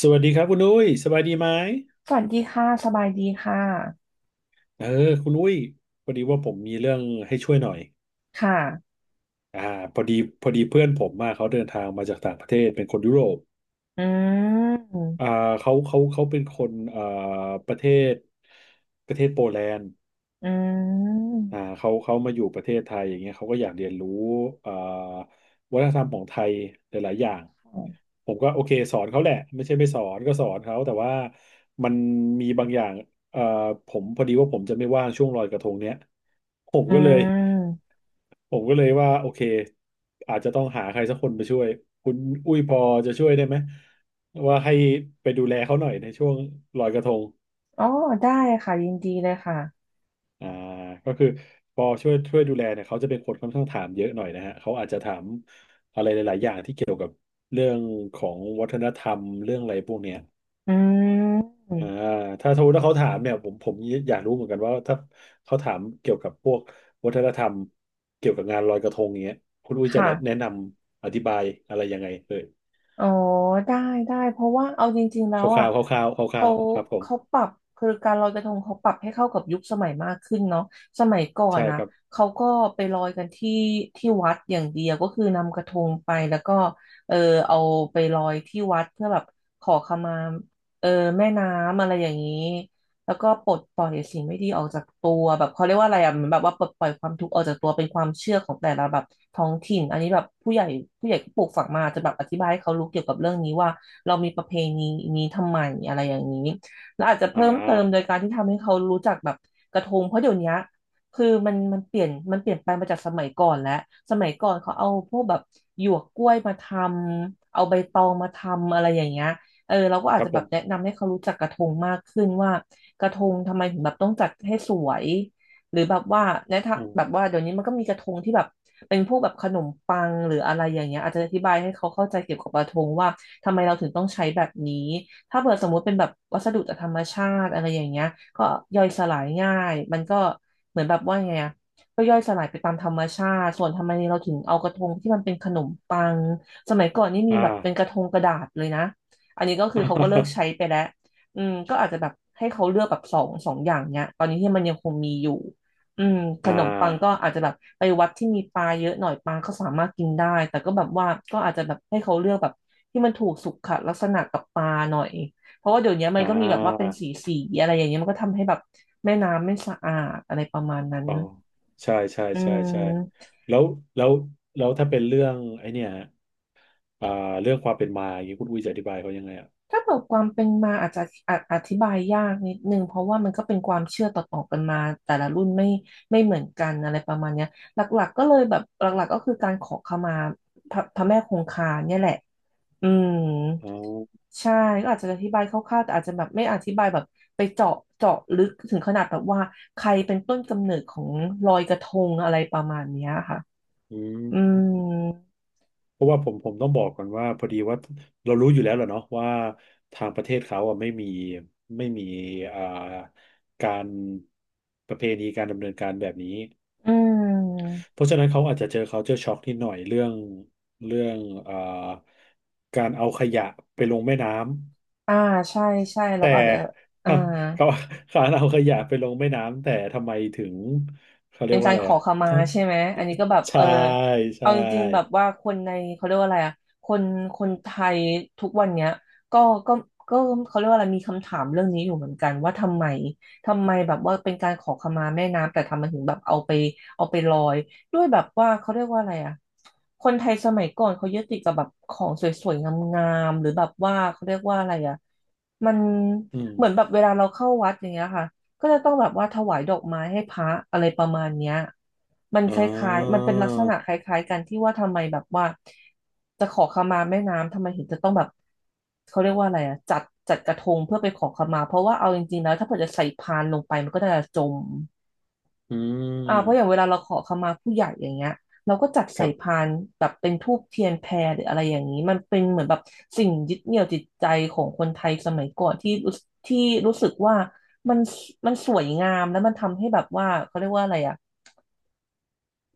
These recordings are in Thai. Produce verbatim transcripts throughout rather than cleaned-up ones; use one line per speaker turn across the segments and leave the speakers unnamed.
สวัสดีครับคุณอุ้ยสบายดีไหม
สวัสดีค่ะสบายดีค่ะ
เออคุณอุ้ยพอดีว่าผมมีเรื่องให้ช่วยหน่อย
ค่ะ
อ่าพอดีพอดีเพื่อนผมมาเขาเดินทางมาจากต่างประเทศเป็นคนยุโรป
อื
อ่า
ม
เขาเขาเขาเป็นคนอ่าประเทศประเทศโปแลนด์
อืม
อ่าเขาเขามาอยู่ประเทศไทยอย่างเงี้ยเขาก็อยากเรียนรู้อ่าวัฒนธรรมของไทยหลายๆอย่าง
ค่ะ
ผมก็โอเคสอนเขาแหละไม่ใช่ไม่สอนก็สอนเขาแต่ว่ามันมีบางอย่างเอ่อผมพอดีว่าผมจะไม่ว่างช่วงลอยกระทงเนี้ยผม
อื
ก็เลย
ม
ผมก็เลยว่าโอเคอาจจะต้องหาใครสักคนไปช่วยคุณอุ้ยพอจะช่วยได้ไหมว่าให้ไปดูแลเขาหน่อยในช่วงลอยกระทง
อ๋อได้ค่ะยินดีเลยค่ะ
อ่าก็คือปอช่วยช่วยดูแลเนี่ยเขาจะเป็นคนค่อนข้างถามเยอะหน่อยนะฮะเขาอาจจะถามอะไรหลายๆอย่างที่เกี่ยวกับเรื่องของวัฒนธรรมเรื่องอะไรพวกเนี้ย
อืม
อ่าถ้าสมมติว่าเขาถามเนี่ยผมผมอยากรู้เหมือนกันว่าถ้าเขาถามเกี่ยวกับพวกวัฒนธรรมเกี่ยวกับงานลอยกระทงอย่างเงี้ยคุณอุ้ยจะแนะแนะ
ค่ะ
นำอธิบายอะไรยังไงเอ่ย
อ๋อได้ได้เพราะว่าเอาจริงๆแล้
ค
วอ่ะ
ร่าวๆคร่าวๆคร่า
เขา
วๆครับผ
เขา
ม
ปรับคือการลอยกระทงเขาปรับให้เข้ากับยุคสมัยมากขึ้นเนาะสมัยก่อน
ใช่
นะ
ครับ
เขาก็ไปลอยกันที่ที่วัดอย่างเดียวก็คือนำกระทงไปแล้วก็เออเอาไปลอยที่วัดเพื่อแบบขอขมาเออแม่น้ำอะไรอย่างนี้ แล้วก็ปลดปล่อยสิ่งไม่ดีออกจากตัวแบบเขาเรียกว่าอะไรอ่ะเหมือนแบบว่าปลดปล่อยความทุกข์ออกจากตัวเป็นความเชื่อของแต่ละแบบท้องถิ่นอันนี้แบบผู้ใหญ่ผู้ใหญ่ก็ปลูกฝังมาจะแบบอธิบายให้เขารู้เกี่ยวกับเรื่องนี้ว่าเรามีประเพณีนี้ทำไมอะไรอย่างนี้แล้วอาจจะ
อ่
เพิ่มเติมโดย
า
การที่ทำให้เขารู้จักแบบกระทงเพราะเดี๋ยวนี้คือมันมันเปลี่ยนมันเปลี่ยนไปมาจากสมัยก่อนแล้วสมัยก่อนเขาเอาพวกแบบหยวกกล้วยมาทำเอาใบตองมาทำอะไรอย่างเงี้ย เออเราก็
ค
อาจ
รับ
จะ
ผ
แบบแนะ
ม
นำให้เขารู้จักกระทงมากขึ้นว่ากระทงทำไมถึงแบบต้องจัดให้สวยหรือแบบว่าในทาง
อ
แบบ
ม
ว่าเดี๋ยวนี้มันก็มีกระทงที่แบบเป็นพวกแบบขนมปังหรืออะไรอย่างเงี้ยอาจจะอธิบายให้เขาเข้าใจเกี่ยวกับกระทงว่าทำไมเราถึงต้องใช้แบบนี้ถ้าเผื่อสมมุติเป็นแบบวัสดุจากธรรมชาติอะไรอย่างเงี้ยก็ย่อยสลายง่ายมันก็เหมือนแบบว่าไงอะก็ย่อยสลายไปตามธรรมชาติส่วนทำไมเราถึงเอากระทงที่มันเป็นขนมปังสมัยก่อนนี่มี
อ่า
แบบเป็นกระทงกระดาษเลยนะ อันนี้ก็คือเขาก็เลิกใช้ไปแล้วอืมก็อาจจะแบบให้เขาเลือกแบบสองสองอย่างเนี้ยตอนนี้ที่มันยังคงมีอยู่อืม ข
อ่า
นมปังก็อาจจะแบบไปวัดที่มีปลาเยอะหน่อยปลาก็สามารถกินได้แต่ก็แบบว่าก็อาจจะแบบให้เขาเลือกแบบที่มันถูกสุขลักษณะกับปลาหน่อยเพราะว่าเดี๋ยวนี้มัน
อ่า
ก็มีแบบว่าเป็นสีสีอะไรอย่างเงี้ยมันก็ทำให้แบบแม่น้ำไม่สะอาดอะไรประมาณนั้น
อ๋อใช่ใช่
อื
ใช่ใช่
ม
แล้วแล้วแล้วถ้าเป็นเรื่องไอ้เนี่ยอ่าเรื่องความเป็นมาอย่างนี้คุณอุ้ยจะอธิบายเขายังไงอ่ะ
ถ้าเกิดความเป็นมาอาจจะออธิบายยากนิดนึงเพราะว่ามันก็เป็นความเชื่อต่อๆกันมาแต่ละรุ่นไม่ไม่เหมือนกันอะไรประมาณเนี้ยหลักๆก็เลยแบบหลักๆก็คือการขอขมาพระพระแม่คงคาเนี่ยแหละอืม
อ๋อ
ใช่ก็อาจจะอธิบายคร่าวๆแต่อาจจะแบบไม่อธิบายแบบไปเจาะเจาะลึกถึงขนาดแบบว่าใครเป็นต้นกำเนิดของลอยกระทงอะไรประมาณเนี้ยค่ะ
อืม
อืม
เพราะว่าผมผมต้องบอกก่อนว่าพอดีว่าเรารู้อยู่แล้วแหละเนาะว่าทางประเทศเขาอ่ะไม่มีไม่มีอ่าการประเพณีการดำเนินการแบบนี้
อืม
เพราะฉะนั้นเขาอาจจะเจอ culture shock นิดหน่อยเรื่องเรื่องอ่าการเอาขยะไปลงแม่น้ำ
อ่าใช่ใช่เรา
แต่
ก็อาจจะ อ่า
อ่ะเขาเขาเอาขยะไปลงแม่น้ำแต่ทำไมถึงเขาเรี
เป็
ย
น
กว่า
การ
อะไร
ขอ
อ่ะ
ขมา
ถ้า
ใช่ไหมอันนี้ก็แบบ
ใช่
เออ
ใช่
เอาจริงๆแบบว่าคนในเขาเรียกว่าอะไรอะคนคนไทยทุกวันเนี้ยก็ก็ก็เขาเรียกว่าอะไรมีคำถามเรื่องนี้อยู่เหมือนกันว่าทำไมทำไมแบบว่าเป็นการขอขมาแม่น้ำแต่ทำไมถึงแบบเอาไปเอาไปลอยด้วยแบบว่าเขาเรียกว่าอะไรอะคนไทยสมัยก่อนเขายึดติดกับแบบของสวยๆงามๆหรือแบบว่าเขาเรียกว่าอะไรอะมัน
อืม
เหมือนแบบเวลาเราเข้าวัดอย่างเงี้ยค่ะ ก็จะต้องแบบว่าถวายดอกไม้ให้พระอะไรประมาณเนี้ยมัน
อ๋อ
คล้ายๆมันเป็นลักษณะคล้ายๆกันที่ว่าทำไมแบบว่าจะขอขมาแม่น้ำทำไมถึงจะต้องแบบเขาเรียกว่าอะไรอะจัดจัดกระทงเพื่อไปขอขมาเพราะว่าเอาจริงๆแล้วถ้าเกิดจะใส่พานลงไปมันก็จะจม
อื
อ่าเพราะอย่างเว
ม
ลาเราขอขมาผู้ใหญ่อย่างเงี้ยเราก็จัด
ค
ใส่
รับ
พานแบบเป็นธูปเทียนแพหรืออะไรอย่างนี้มันเป็นเหมือนแบบสิ่งยึดเหนี่ยวจิตใจของคนไทยสมัยก่อนที่รู้ที่รู้สึกว่ามันมันสวยงามแล้วมันทำให้แบบว่าเขาเรียกว่าอะไรอ่ะ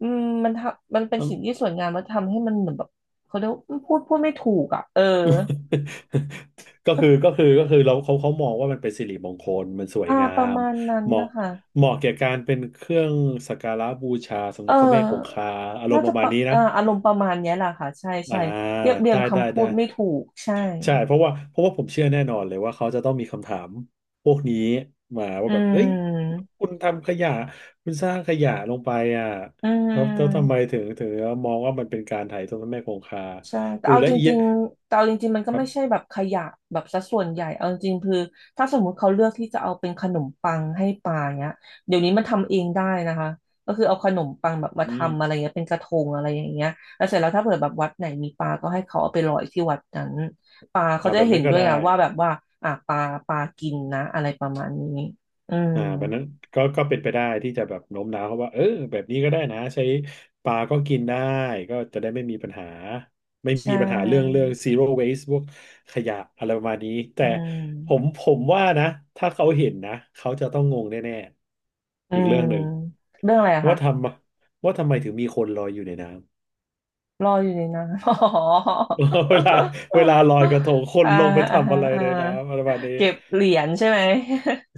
อืมมันทำมันเป็น
อืม
สิ่งที่สวยงามแล้วทำให้มันเหมือนแบบเขาเรียกว่าพูดพูดไม่ถูกอ่ะเออ
ก็คือก็คือก็คือเราเขาเขามองว่ามันเป็นสิริมงคลมันสวย
อ่า
งา
ประ
ม
มาณนั้น
เห
นะ
มาะ
คะ
เหมาะแก่การเป็นเครื่องสักการะบูชาสำ
เ
หรับพระแม่คง
ออ
คาอารม
น่า
ณ์ป
จะ
ระ
ป
มาณ
ระ
นี้นะ
อ่าอารมณ์ประมาณเนี้ยแหละค่ะใช่
อ่า
ใช่เรียบเรียง
ได้ได้
คำพู
ได้
ดไม่ถูกใช่
ใช่เพราะว่าเพราะว่าผมเชื่อแน่นอนเลยว่าเขาจะต้องมีคำถามพวกนี้มา
อื
ว่าแบบเอ้ย
ม
คุณทำขยะคุณสร้างขยะลงไปอ่ะ
อื
แล้วแล้วทำไม
ม
ถึงถึงมองว่ามันเป็นการไถ่ายทอดพระแม่คงคา
ใช่แต่
อู
เอา
และ
จ
เอี
ริ
ยะ
งๆแต่เอาจริงๆ มันก็
ครั
ไม่ใช่
บ
แบบขยะแบบสัดส่วนใหญ่ เอาจริงๆคือถ้าสมมุติเขาเลือกที่จะเอาเป็นขนมปังให้ปลาเนี้ยเดี๋ยวนี้มันทำเองได้นะคะ ก็คือเอาขนมปังแบบมา
อื
ทำอะไร
ม
เงี้ยเป็นกระทงอะไรอย่างเงี้ยแล้วเสร็จแล้วถ้าเผื่อแบบวัดไหนมีปลาก็ให้เขาเอาไปลอยที่วัดนั้นปลาเขา
อ่า
จะ
แบบ
เห็
นั้
น
นก็
ด้วย
ได้
ไงว่าแบบว่าอ่ะปลาปลากินนะอะไรประมาณนี้อืม
อ่ามันนั้นก็ก็เป็นไปได้ที่จะแบบโน้มน้าวเขาว่าเออแบบนี้ก็ได้นะใช้ปลาก็กินได้ก็จะได้ไม่มีปัญหาไม่
ใช่
มีปัญหาเรื่องเรื่อง zero waste พวกขยะอะไรประมาณนี้แต่
อื
ผม
ม
ผมว่านะถ้าเขาเห็นนะเขาจะต้องงงแน่ๆ
อื
อีกเรื่
ม
องหนึ่ง
เรื่องอะไรอะ
ว่า
คะ
ทำว่าทำไมถึงมีคนลอยอยู่ในน้
รออยู่ในนั้น อ๋อ
ำ เวลาเวลาลอยกระทงคน
อ่า
ลงไป
อ่า
ทำอะไร
อ่า
ในน้ำอะไรประมาณนี้
เก็บเหรียญใช่ไหม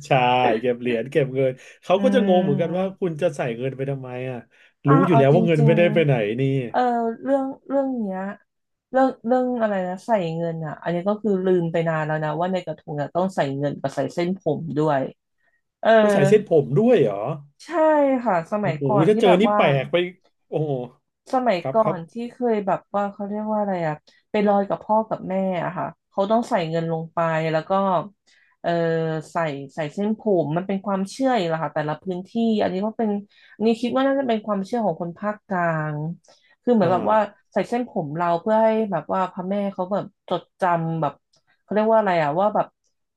ใช่เก็บเหรียญเก็บเงินเขา
อื
ก็จะงงเหมือนกันว่า
ม
คุณจะใส่เงินไปทำไมอ่ะ
อ่า
รู้อยู่
เอา
แล้ว
จ
ว่าเงิน
ริง
ไม่ได้ไปไหนนี่
ๆเออเรื่องเรื่องเนี้ยเรื่องเรื่องอะไรนะใส่เงินอ่ะอันนี้ก็คือลืมไปนานแล้วนะว่าในกระทงอ่ะต้องใส่เงินกับใส่เส้นผมด้วยเออ
ผู้ใส่เส้นผมด้วยเหรอ
ใช่ค่ะสมั
โอ้
ยก่อ
โห
น
ถ้า
ที่
เจอ
แบบ
นี่
ว่า
แปลกไปโอ้โห
สมัย
ครับ
ก่อ
ครับ
นที่เคยแบบว่าเขาเรียกว่าอะไรอะไปลอยกับพ่อกับแม่อะค่ะเขาต้องใส่เงินลงไปแล้วก็เออใส่ใส่เส้นผมมันเป็นความเชื่ออีกละค่ะแต่ละพื้นที่อันนี้ก็เป็นอันนี้คิดว่าน่าจะเป็นความเชื่อของคนภาคกลางคือเหมือน
อ่า
แบบว่าใส่เส้นผมเราเพื่อให้แบบว่าพระแม่เขาแบบจดจำแบบเขาเรียกว่าอะไรอะว่าแบบ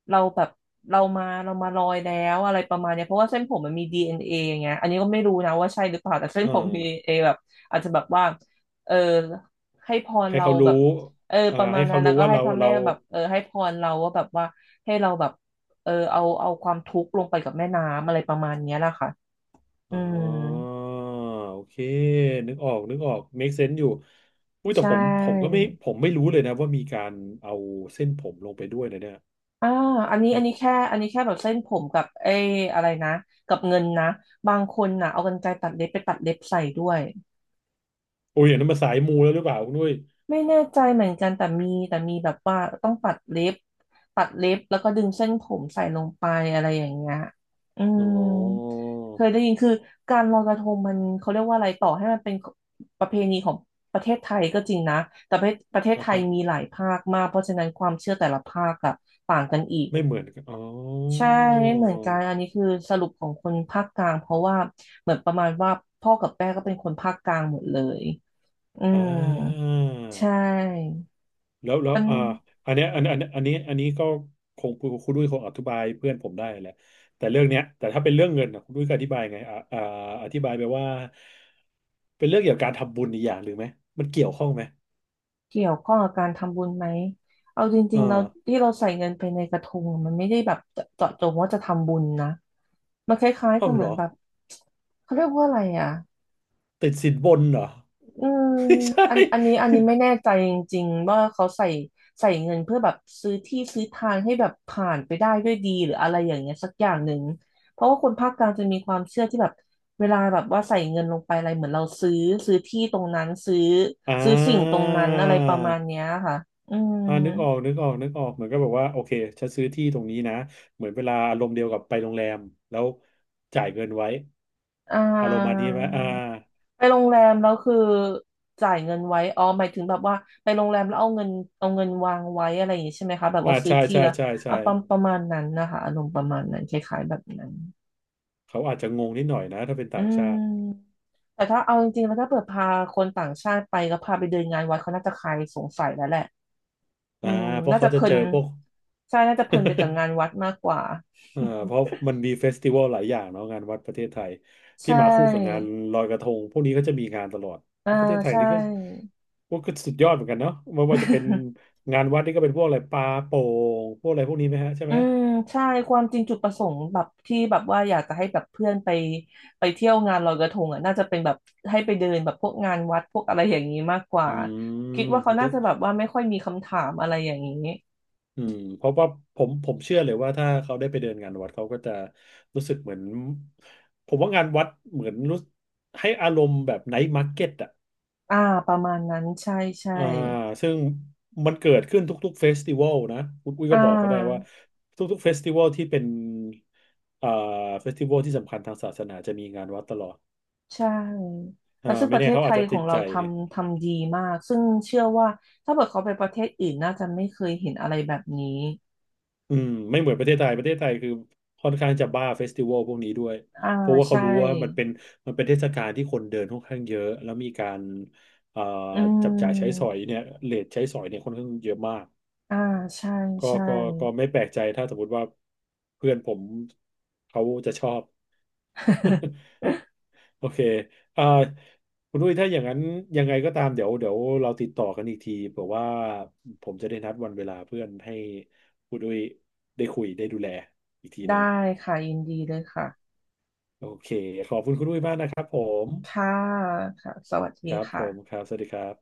เราแบบเรามาเรามาลอยแล้วอะไรประมาณเนี้ยเพราะว่าเส้นผมมันมีดีเอนเออย่างเงี้ยอันนี้ก็ไม่รู้นะว่าใช่หรือเปล่าแต่เส้น
อ่
ผมมี
า
ดี เอ็น เอ แบบ อาจจะแบบว่าเออให้พร
ให้
เรา
เขา
แบ
รู้
บเออ
อ่า
ประมา
ให้
ณนั้
เขา
นแล้
รู้
วก็
ว่า
ให้
เรา
พระแม่
เรา
แบบเออให้พรเราว่าแบบว่าให้เราแบบเออเอาเอาความทุกข์ลงไปกับแม่น้ำอะไรประมาณเนี้ยแหละค่ะอื
อ๋
ม
อโอเคนึกออกนึกออก make sense อยู่อุ้ยแต่
ใช่
ผมผมก็ไม่ผมไม่รู้เลยนะว่ามีการเอาเส้นผมลงไปด้วยนะเนี่ย
อ่าอันนี้
อั
อั
น
นนี้แค่อันนี้แค่แบบเส้นผมกับไอ้อะไรนะกับเงินนะบางคนนะเอากรรไกรตัดเล็บไปตัดเล็บใส่ด้วย
โอ้ยอย่างนั้นมาสายมูแล้วหรือเปล่าคุณด้วย
ไม่แน่ใจเหมือนกันแต่มีแต่มีแบบว่าต้องตัดเล็บตัดเล็บแล้วก็ดึงเส้นผมใส่ลงไปอะไรอย่างเงี้ยอื
อ๋
ม
อ
เคยได้ยินคือการลอยกระทงมันเขาเรียกว่าอะไรต่อให้มันเป็นประเพณีของประเทศไทยก็จริงนะแต่ประเทศประเทศ
อ่ะ
ไทย
ฮะ
มีหลายภาคมากเพราะฉะนั้นความเชื่อแต่ละภาคอะต่างกันอีก
ไม่เหมือนกันอ๋อ
ใช่ไม่เหมือนกันอันนี้คือสรุปของคนภาคกลางเพราะว่าเหมือนประมาณว่าพ่อกับแม่ก็เป็นคนภาคกลางหมดเลยอื
อ่
ม
า
ใช่
แล้วแล้ว
มัน
อ่าอันเนี้ยอันอันอันนี้อันนี้ก็คงคุณคุณด้วยคงอธิบายเพื่อนผมได้แหละแต่เรื่องเนี้ยแต่ถ้าเป็นเรื่องเงินน่ะคุณด้วยก็อธิบายไงอ่าอ่าอธิบายไปว่าเป็นเรื่องเกี่ยวกับการทำบุญอีกอย่างหรือไหมมันเกี่ยวข้องไหม
เกี่ยวข้องกับการทำบุญไหม เอาจ
อ
ริงๆเรา
่า
ที่เราใส่เงินไปในกระทงมันไม่ได้แบบเจาะจงว่าจะทำบุญนะ มันคล้ายๆ
อ้า
ก็
ว
เห
เหร
มือน
อ
แบบเขาเรียกว่าอะไรอ่ะ
ติดสินบนเหรอ
อืม
ไม่ใช่
อันอันนี้อันนี้ไม่ แน่ใจจริงๆว่าเขาใส่ใส่เงินเพื่อแบบซื้อที่ซื้อทางให้แบบผ่านไปได้ด้วยดีหรืออะไรอย่างเงี้ยสักอย่างหนึ่งเพราะว่าคนภาคกลางจะมีความเชื่อที่แบบเวลาแบบว่าใส่เงินลงไปอะไรเหมือนเราซื้อซื้อที่ตรงนั้นซื้อ
อ่
ซื้อสิ่งตรง
า
นั้นอะไรประมาณเนี้ยค่ะอืม
อ่านึกออกนึกออกนึกออกเหมือนก็แบบว่าโอเคฉันซื้อที่ตรงนี้นะเหมือนเวลาอารมณ์เดียวกับไปโรงแรมแล้วจ่ายเงินไว้
อ่
อารมณ์มา
า
นี้ไหมอ่า
ไปโรงแรมแล้วคือจ่ายเงินไว้อ๋อหมายถึงแบบว่าไปโรงแรมแล้วเอาเงินเอาเงินวางไว้อะไรอย่างนี้ใช่ไหมคะแบบ
อ่า
ว่าซื้อ
ใช่
ที่
ใช่
แล้ว
ใช่ใช่
อ่ะประมาณประมาณนั้นนะคะอารมณ์ประมาณนั้นคล้ายๆแบบนั้น
เขาอาจจะงงนิดหน่อยนะถ้าเป็น
อื
ต่างชาติ
มแต่ถ้าเอาจริงๆแล้วถ้าเปิดพาคนต่างชาติไปก็พาไปเดินงานวัดเขาน่าจะคลายสงสัยแล้วแหละอื
อ่า
ม
เพราะ
น่า
เขา
จะเพ
จะ
ลิ
เจอ
น
พวก
ใช่น่าจะเพลินไปกับงานวัดมากกว่า
อ่าเพราะมันมีเฟสติวัลหลายอย่างเนาะงานวัดประเทศไทย
ใช
ที่มาคู่กับงาน
่
ลอยกระทงพวกนี้ก็จะมีงานตลอด
อ่า
ประเทศไทย
ใช่
นี่ก็พวกก็สุดยอดเหมือนกันเนาะไม่ว่าจะเป็น งานวัดนี่ก็เป็นพวกอะไรปลาโป่งพวกอะไรพวกนี้ไหมฮะใช่
อื
ไหม
มใช่ความจริงจุดประสงค์แบบที่แบบว่าอยากจะให้แบบเพื่อนไปไปเที่ยวงานลอยกระทงอ่ะน่าจะเป็นแบบให้ไปเดินแบบพวกงานวัดพวกอะไรอย่างนี้มากกว่า
อื
คิ
ม
ดว่าเขา
เดอ
น่าจะแบบว่าไม่ค่อยมีคำถามอะไรอย่างนี้
อืมเพราะว่าผมผมเชื่อเลยว่าถ้าเขาได้ไปเดินงานวัดเขาก็จะรู้สึกเหมือนผมว่างานวัดเหมือนรู้ให้อารมณ์แบบไนท์มาร์เก็ตอ่ะ
อ่าประมาณนั้นใช่ใช่
อ่าซึ่งมันเกิดขึ้นทุกๆเฟสติวัลนะคุณอุ้ย
อ่
ก็บอกเขาได้ว่า
า
ทุกๆเฟสติวัลที่เป็นอ่าเฟสติวัลที่สำคัญทางศาสนาจะมีงานวัดตลอด
ใช่
อ่า
แล้วซึ่งป
ไม่
ระ
แน่
เทศ
เขา
ไท
อาจ
ย
จะ
ขอ
ติด
งเรา
ใจ
ทำทำดีมากซึ่งเชื่อว่าถ้าเกิดเขาไปประเทศอื่นน่าจะไม่เคยเห็นอะไรแบบนี้
อืมไม่เหมือนประเทศไทยประเทศไทยคือค่อนข้างจะบ้าเฟสติวัลพวกนี้ด้วย
อ่า
เพราะว่าเขา
ใช่
รู้ว่ามันเป็นมันเป็นเทศกาลที่คนเดินค่อนข้างเยอะแล้วมีการเอ่อ
อื
จับจ่ายใช้สอ
ม
ยเนี่ยเรทใช้สอยเนี่ยค่อนข้างเยอะมาก
อ่าใช่
ก็
ใช่
ก็ก็ไม่แปลกใจถ้าสมมติว่าเพื่อนผมเขาจะชอบ โอเคอ่าคุณดุ้ยถ้าอย่างนั้นยังไงก็ตามเดี๋ยวเดี๋ยวเราติดต่อกันอีกทีเผื่อว่าผมจะได้นัดวันเวลาเพื่อนให้คุณดุ้ยได้คุยได้ดูแลอีกทีหนึ่ง
ได้ค่ะยินดีเลยค่ะ
โอเค ขอบคุณคุณอุ้ยมากนะครับผม
ค่ะค่ะสวัสดี
ครับผมค
ค่ะ
รับสวัสดีครับ